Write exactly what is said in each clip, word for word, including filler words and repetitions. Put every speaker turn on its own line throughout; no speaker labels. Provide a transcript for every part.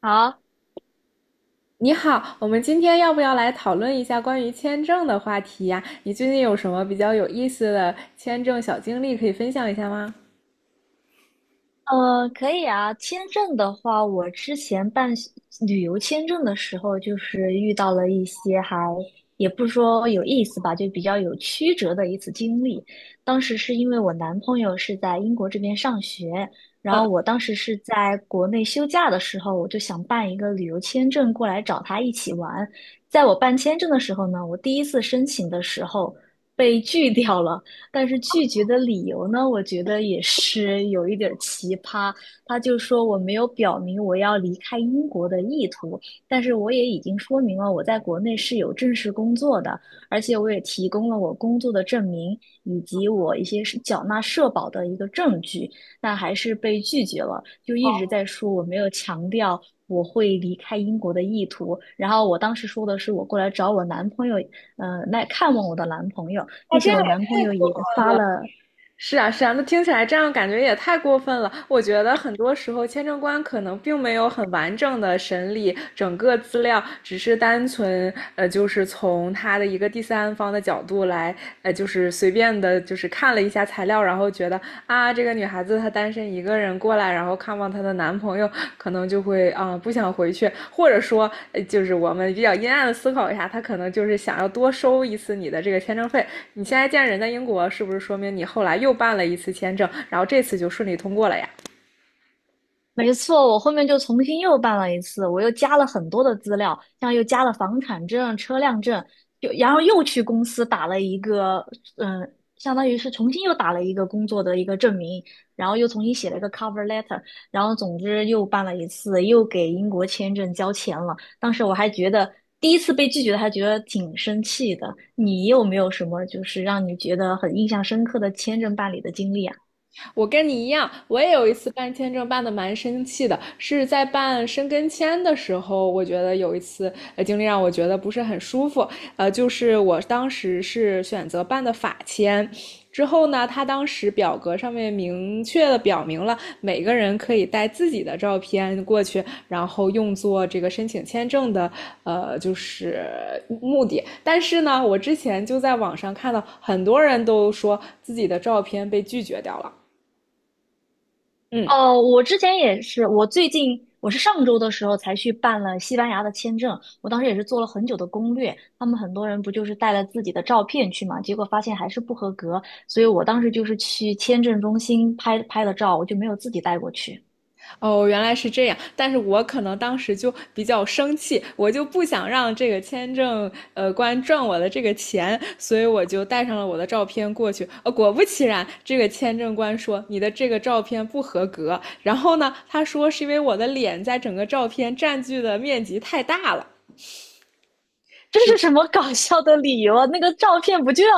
好，
你好，我们今天要不要来讨论一下关于签证的话题呀？你最近有什么比较有意思的签证小经历可以分享一下吗？
呃，可以啊。签证的话，我之前办旅游签证的时候，就是遇到了一些还也不是说有意思吧，就比较有曲折的一次经历。当时是因为我男朋友是在英国这边上学，然后我当时是在国内休假的时候，我就想办一个旅游签证过来找他一起玩。在我办签证的时候呢，我第一次申请的时候被拒掉了。但是拒绝的理由呢，我觉得也是有一点儿奇葩。他就说我没有表明我要离开英国的意图，但是我也已经说明了我在国内是有正式工作的，而且我也提供了我工作的证明以及我一些是缴纳社保的一个证据，但还是被拒绝了，就一直在说我没有强调。我会离开英国的意图，然后我当时说的是我过来找我男朋友，嗯，来看望我的男朋友，并且我男朋友也发了，
是啊，是啊，那听起来这样感觉也太过分了。我觉得很多时候签证官可能并没有很完整的审理整个资料，只是单纯呃，就是从他的一个第三方的角度来，呃，就是随便的，就是看了一下材料，然后觉得啊，这。这个女孩子她单身一个人过来，然后看望她的男朋友，可能就会啊、呃不想回去，或者说呃就是我们比较阴暗的思考一下，她可能就是想要多收一次你的这个签证费。你现在见人在英国，是不是说明你后来又办了一次签证，然后这次就顺利通过了呀？
没错，我后面就重新又办了一次，我又加了很多的资料，像又加了房产证、车辆证，就然后又去公司打了一个，嗯，相当于是重新又打了一个工作的一个证明，然后又重新写了一个 cover letter，然后总之又办了一次，又给英国签证交钱了。当时我还觉得第一次被拒绝，还觉得挺生气的。你有没有什么就是让你觉得很印象深刻的签证办理的经历啊？
我跟你一样，我也有一次办签证办的蛮生气的，是在办申根签的时候，我觉得有一次呃经历让我觉得不是很舒服，呃，就是我当时是选择办的法签。之后呢，他当时表格上面明确的表明了每个人可以带自己的照片过去，然后用作这个申请签证的呃就是目的。但是呢，我之前就在网上看到很多人都说自己的照片被拒绝掉了。嗯。
哦，我之前也是，我最近我是上周的时候才去办了西班牙的签证，我当时也是做了很久的攻略。他们很多人不就是带了自己的照片去嘛，结果发现还是不合格，所以我当时就是去签证中心拍拍的照，我就没有自己带过去。
哦，原来是这样，但是我可能当时就比较生气，我就不想让这个签证呃官赚我的这个钱，所以我就带上了我的照片过去。呃，果不其然，这个签证官说你的这个照片不合格，然后呢，他说是因为我的脸在整个照片占据的面积太大了。
这是什么搞笑的理由啊？那个照片不就要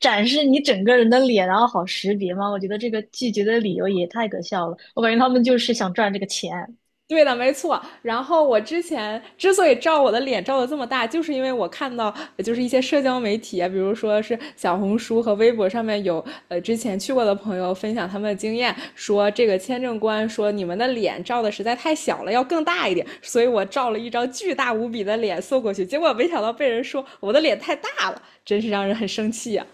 展示你整个人的脸，然后好识别吗？我觉得这个拒绝的理由也太可笑了，我感觉他们就是想赚这个钱。
对的，没错。然后我之前之所以照我的脸照的这么大，就是因为我看到呃就是一些社交媒体啊，比如说是小红书和微博上面有呃之前去过的朋友分享他们的经验，说这个签证官说你们的脸照的实在太小了，要更大一点。所以我照了一张巨大无比的脸送过去，结果没想到被人说我的脸太大了，真是让人很生气呀、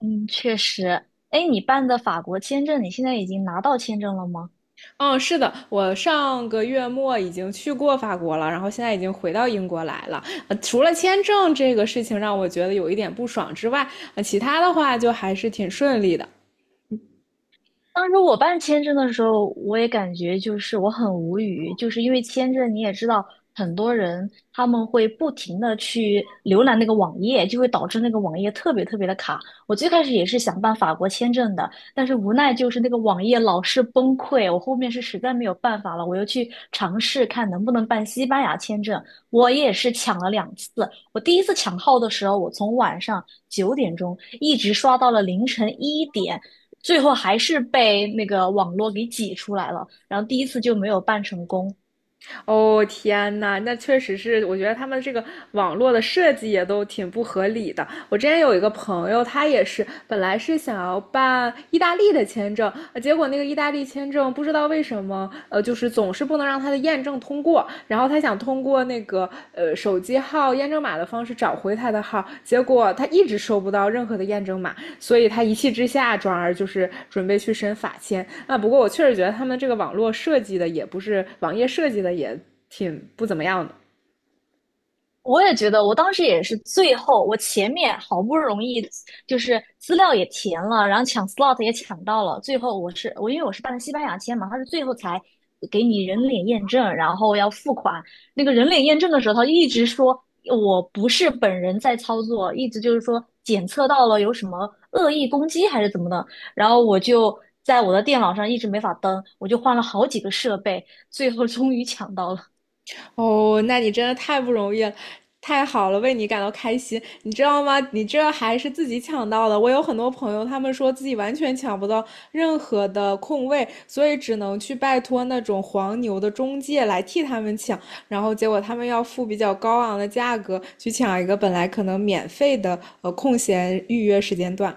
嗯，确实。哎，你办的法国签证，你现在已经拿到签证了吗？
嗯，是的，我上个月末已经去过法国了，然后现在已经回到英国来了。呃，除了签证这个事情让我觉得有一点不爽之外，呃，其他的话就还是挺顺利的。
当时我办签证的时候，我也感觉就是我很无语，就是因为签证你也知道，很多人他们会不停的去浏览那个网页，就会导致那个网页特别特别的卡。我最开始也是想办法国签证的，但是无奈就是那个网页老是崩溃，我后面是实在没有办法了，我又去尝试看能不能办西班牙签证，我也是抢了两次。我第一次抢号的时候，我从晚上九点钟一直刷到了凌晨一点。最后还是被那个网络给挤出来了，然后第一次就没有办成功。
哦，天呐，那确实是，我觉得他们这个网络的设计也都挺不合理的。我之前有一个朋友，他也是本来是想要办意大利的签证，呃结果那个意大利签证不知道为什么，呃，就是总是不能让他的验证通过。然后他想通过那个呃手机号验证码的方式找回他的号，结果他一直收不到任何的验证码。所以他一气之下，转而就是准备去申法签。啊，不过我确实觉得他们这个网络设计的也不是网页设计的也挺不怎么样的。
我也觉得，我当时也是最后，我前面好不容易就是资料也填了，然后抢 slot 也抢到了，最后我是我因为我是办的西班牙签嘛，他是最后才给你人脸验证，然后要付款。那个人脸验证的时候，他一直说我不是本人在操作，一直就是说检测到了有什么恶意攻击还是怎么的，然后我就在我的电脑上一直没法登，我就换了好几个设备，最后终于抢到了。
哦，那你真的太不容易了，太好了，为你感到开心。你知道吗？你这还是自己抢到的。我有很多朋友，他们说自己完全抢不到任何的空位，所以只能去拜托那种黄牛的中介来替他们抢，然后结果他们要付比较高昂的价格去抢一个本来可能免费的呃空闲预约时间段。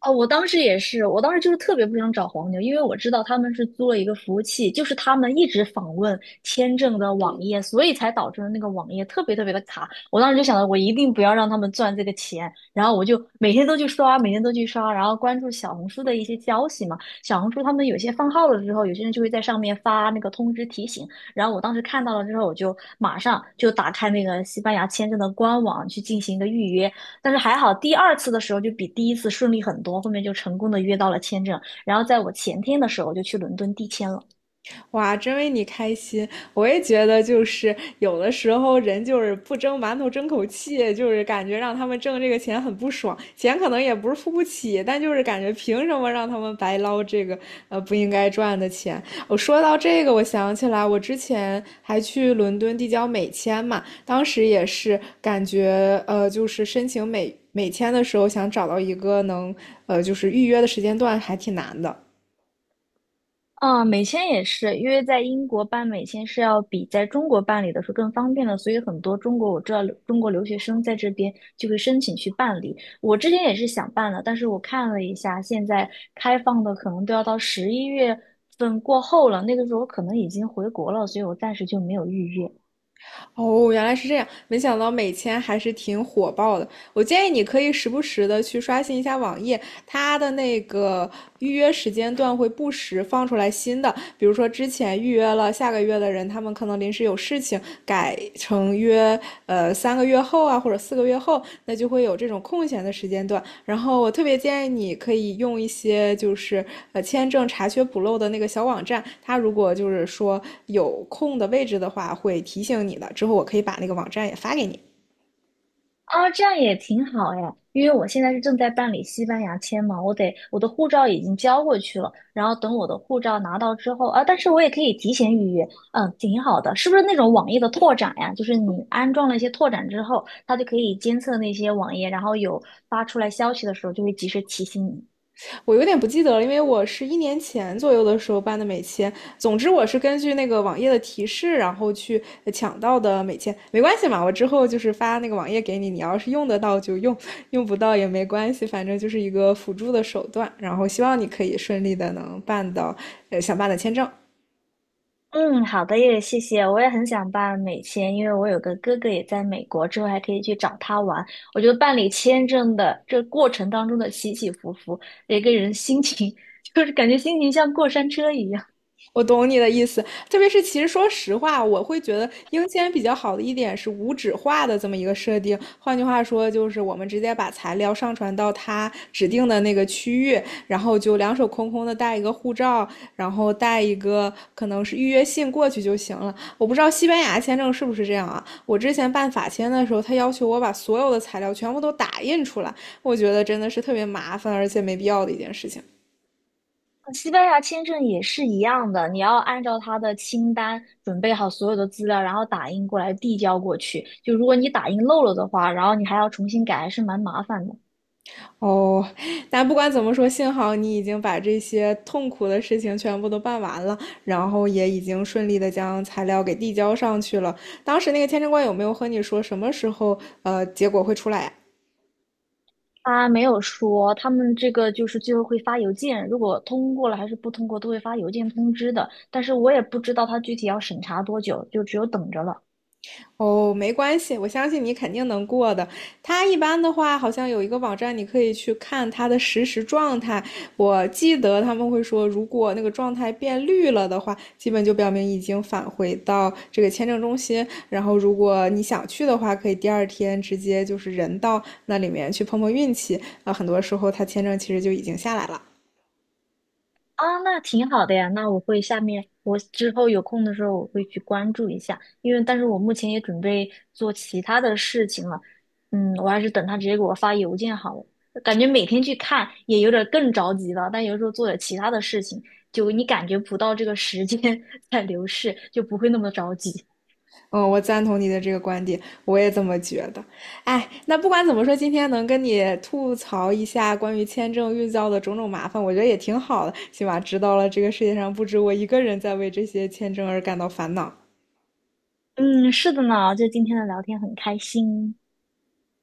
哦，我当时也是，我当时就是特别不想找黄牛，因为我知道他们是租了一个服务器，就是他们一直访问签证的网页，所以才导致了那个网页特别特别的卡。我当时就想着，我一定不要让他们赚这个钱，然后我就每天都去刷，每天都去刷，然后关注小红书的一些消息嘛。小红书他们有些放号了之后，有些人就会在上面发那个通知提醒，然后我当时看到了之后，我就马上就打开那个西班牙签证的官网去进行一个预约，但是还好，第二次的时候就比第一次顺利很多，后面就成功的约到了签证。然后在我前天的时候就去伦敦递签了。
哇，真为你开心！我也觉得，就是有的时候人就是不蒸馒头争口气，就是感觉让他们挣这个钱很不爽，钱可能也不是付不起，但就是感觉凭什么让他们白捞这个呃不应该赚的钱？我说到这个，我想起来我之前还去伦敦递交美签嘛，当时也是感觉呃就是申请美美签的时候，想找到一个能呃就是预约的时间段还挺难的。
啊，美签也是，因为在英国办美签是要比在中国办理的时候更方便的，所以很多中国我知道中国留学生在这边就会申请去办理。我之前也是想办的，但是我看了一下，现在开放的可能都要到十一月份过后了，那个时候我可能已经回国了，所以我暂时就没有预约。
哦，原来是这样，没想到美签还是挺火爆的。我建议你可以时不时的去刷新一下网页，它的那个预约时间段会不时放出来新的，比如说之前预约了下个月的人，他们可能临时有事情改成约呃三个月后啊，或者四个月后，那就会有这种空闲的时间段。然后我特别建议你可以用一些就是呃签证查缺补漏的那个小网站，它如果就是说有空的位置的话，会提醒你的。之后我可以把那个网站也发给你。
啊，这样也挺好哎，因为我现在是正在办理西班牙签嘛，我得我的护照已经交过去了，然后等我的护照拿到之后啊，但是我也可以提前预约，嗯，挺好的，是不是那种网页的拓展呀？就是你安装了一些拓展之后，它就可以监测那些网页，然后有发出来消息的时候就会及时提醒你。
我有点不记得了，因为我是一年前左右的时候办的美签。总之，我是根据那个网页的提示，然后去抢到的美签。没关系嘛，我之后就是发那个网页给你，你要是用得到就用，用不到也没关系，反正就是一个辅助的手段。然后希望你可以顺利的能办到呃想办的签证。
嗯，好的，也谢谢。我也很想办美签，因为我有个哥哥也在美国，之后还可以去找他玩。我觉得办理签证的这过程当中的起起伏伏，一个人心情 就是感觉心情像过山车一样。
我懂你的意思，特别是其实说实话，我会觉得英签比较好的一点是无纸化的这么一个设定。换句话说，就是我们直接把材料上传到他指定的那个区域，然后就两手空空的带一个护照，然后带一个可能是预约信过去就行了。我不知道西班牙签证是不是这样啊？我之前办法签的时候，他要求我把所有的材料全部都打印出来，我觉得真的是特别麻烦而且没必要的一件事情。
西班牙签证也是一样的，你要按照他的清单准备好所有的资料，然后打印过来递交过去。就如果你打印漏了的话，然后你还要重新改，还是蛮麻烦的。
哦，但不管怎么说，幸好你已经把这些痛苦的事情全部都办完了，然后也已经顺利的将材料给递交上去了。当时那个签证官有没有和你说什么时候呃结果会出来呀？
他没有说，他们这个就是最后会发邮件，如果通过了还是不通过，都会发邮件通知的。但是我也不知道他具体要审查多久，就只有等着了。
哦，没关系，我相信你肯定能过的。他一般的话，好像有一个网站，你可以去看他的实时状态。我记得他们会说，如果那个状态变绿了的话，基本就表明已经返回到这个签证中心。然后，如果你想去的话，可以第二天直接就是人到那里面去碰碰运气。啊，很多时候他签证其实就已经下来了。
啊，那挺好的呀，那我会下面我之后有空的时候我会去关注一下，因为但是我目前也准备做其他的事情了。嗯，我还是等他直接给我发邮件好了。感觉每天去看也有点儿更着急了，但有时候做点其他的事情，就你感觉不到这个时间 在流逝，就不会那么着急。
嗯，我赞同你的这个观点，我也这么觉得。哎，那不管怎么说，今天能跟你吐槽一下关于签证遇到的种种麻烦，我觉得也挺好的，起码知道了这个世界上不止我一个人在为这些签证而感到烦恼。
嗯，是的呢，就今天的聊天很开心。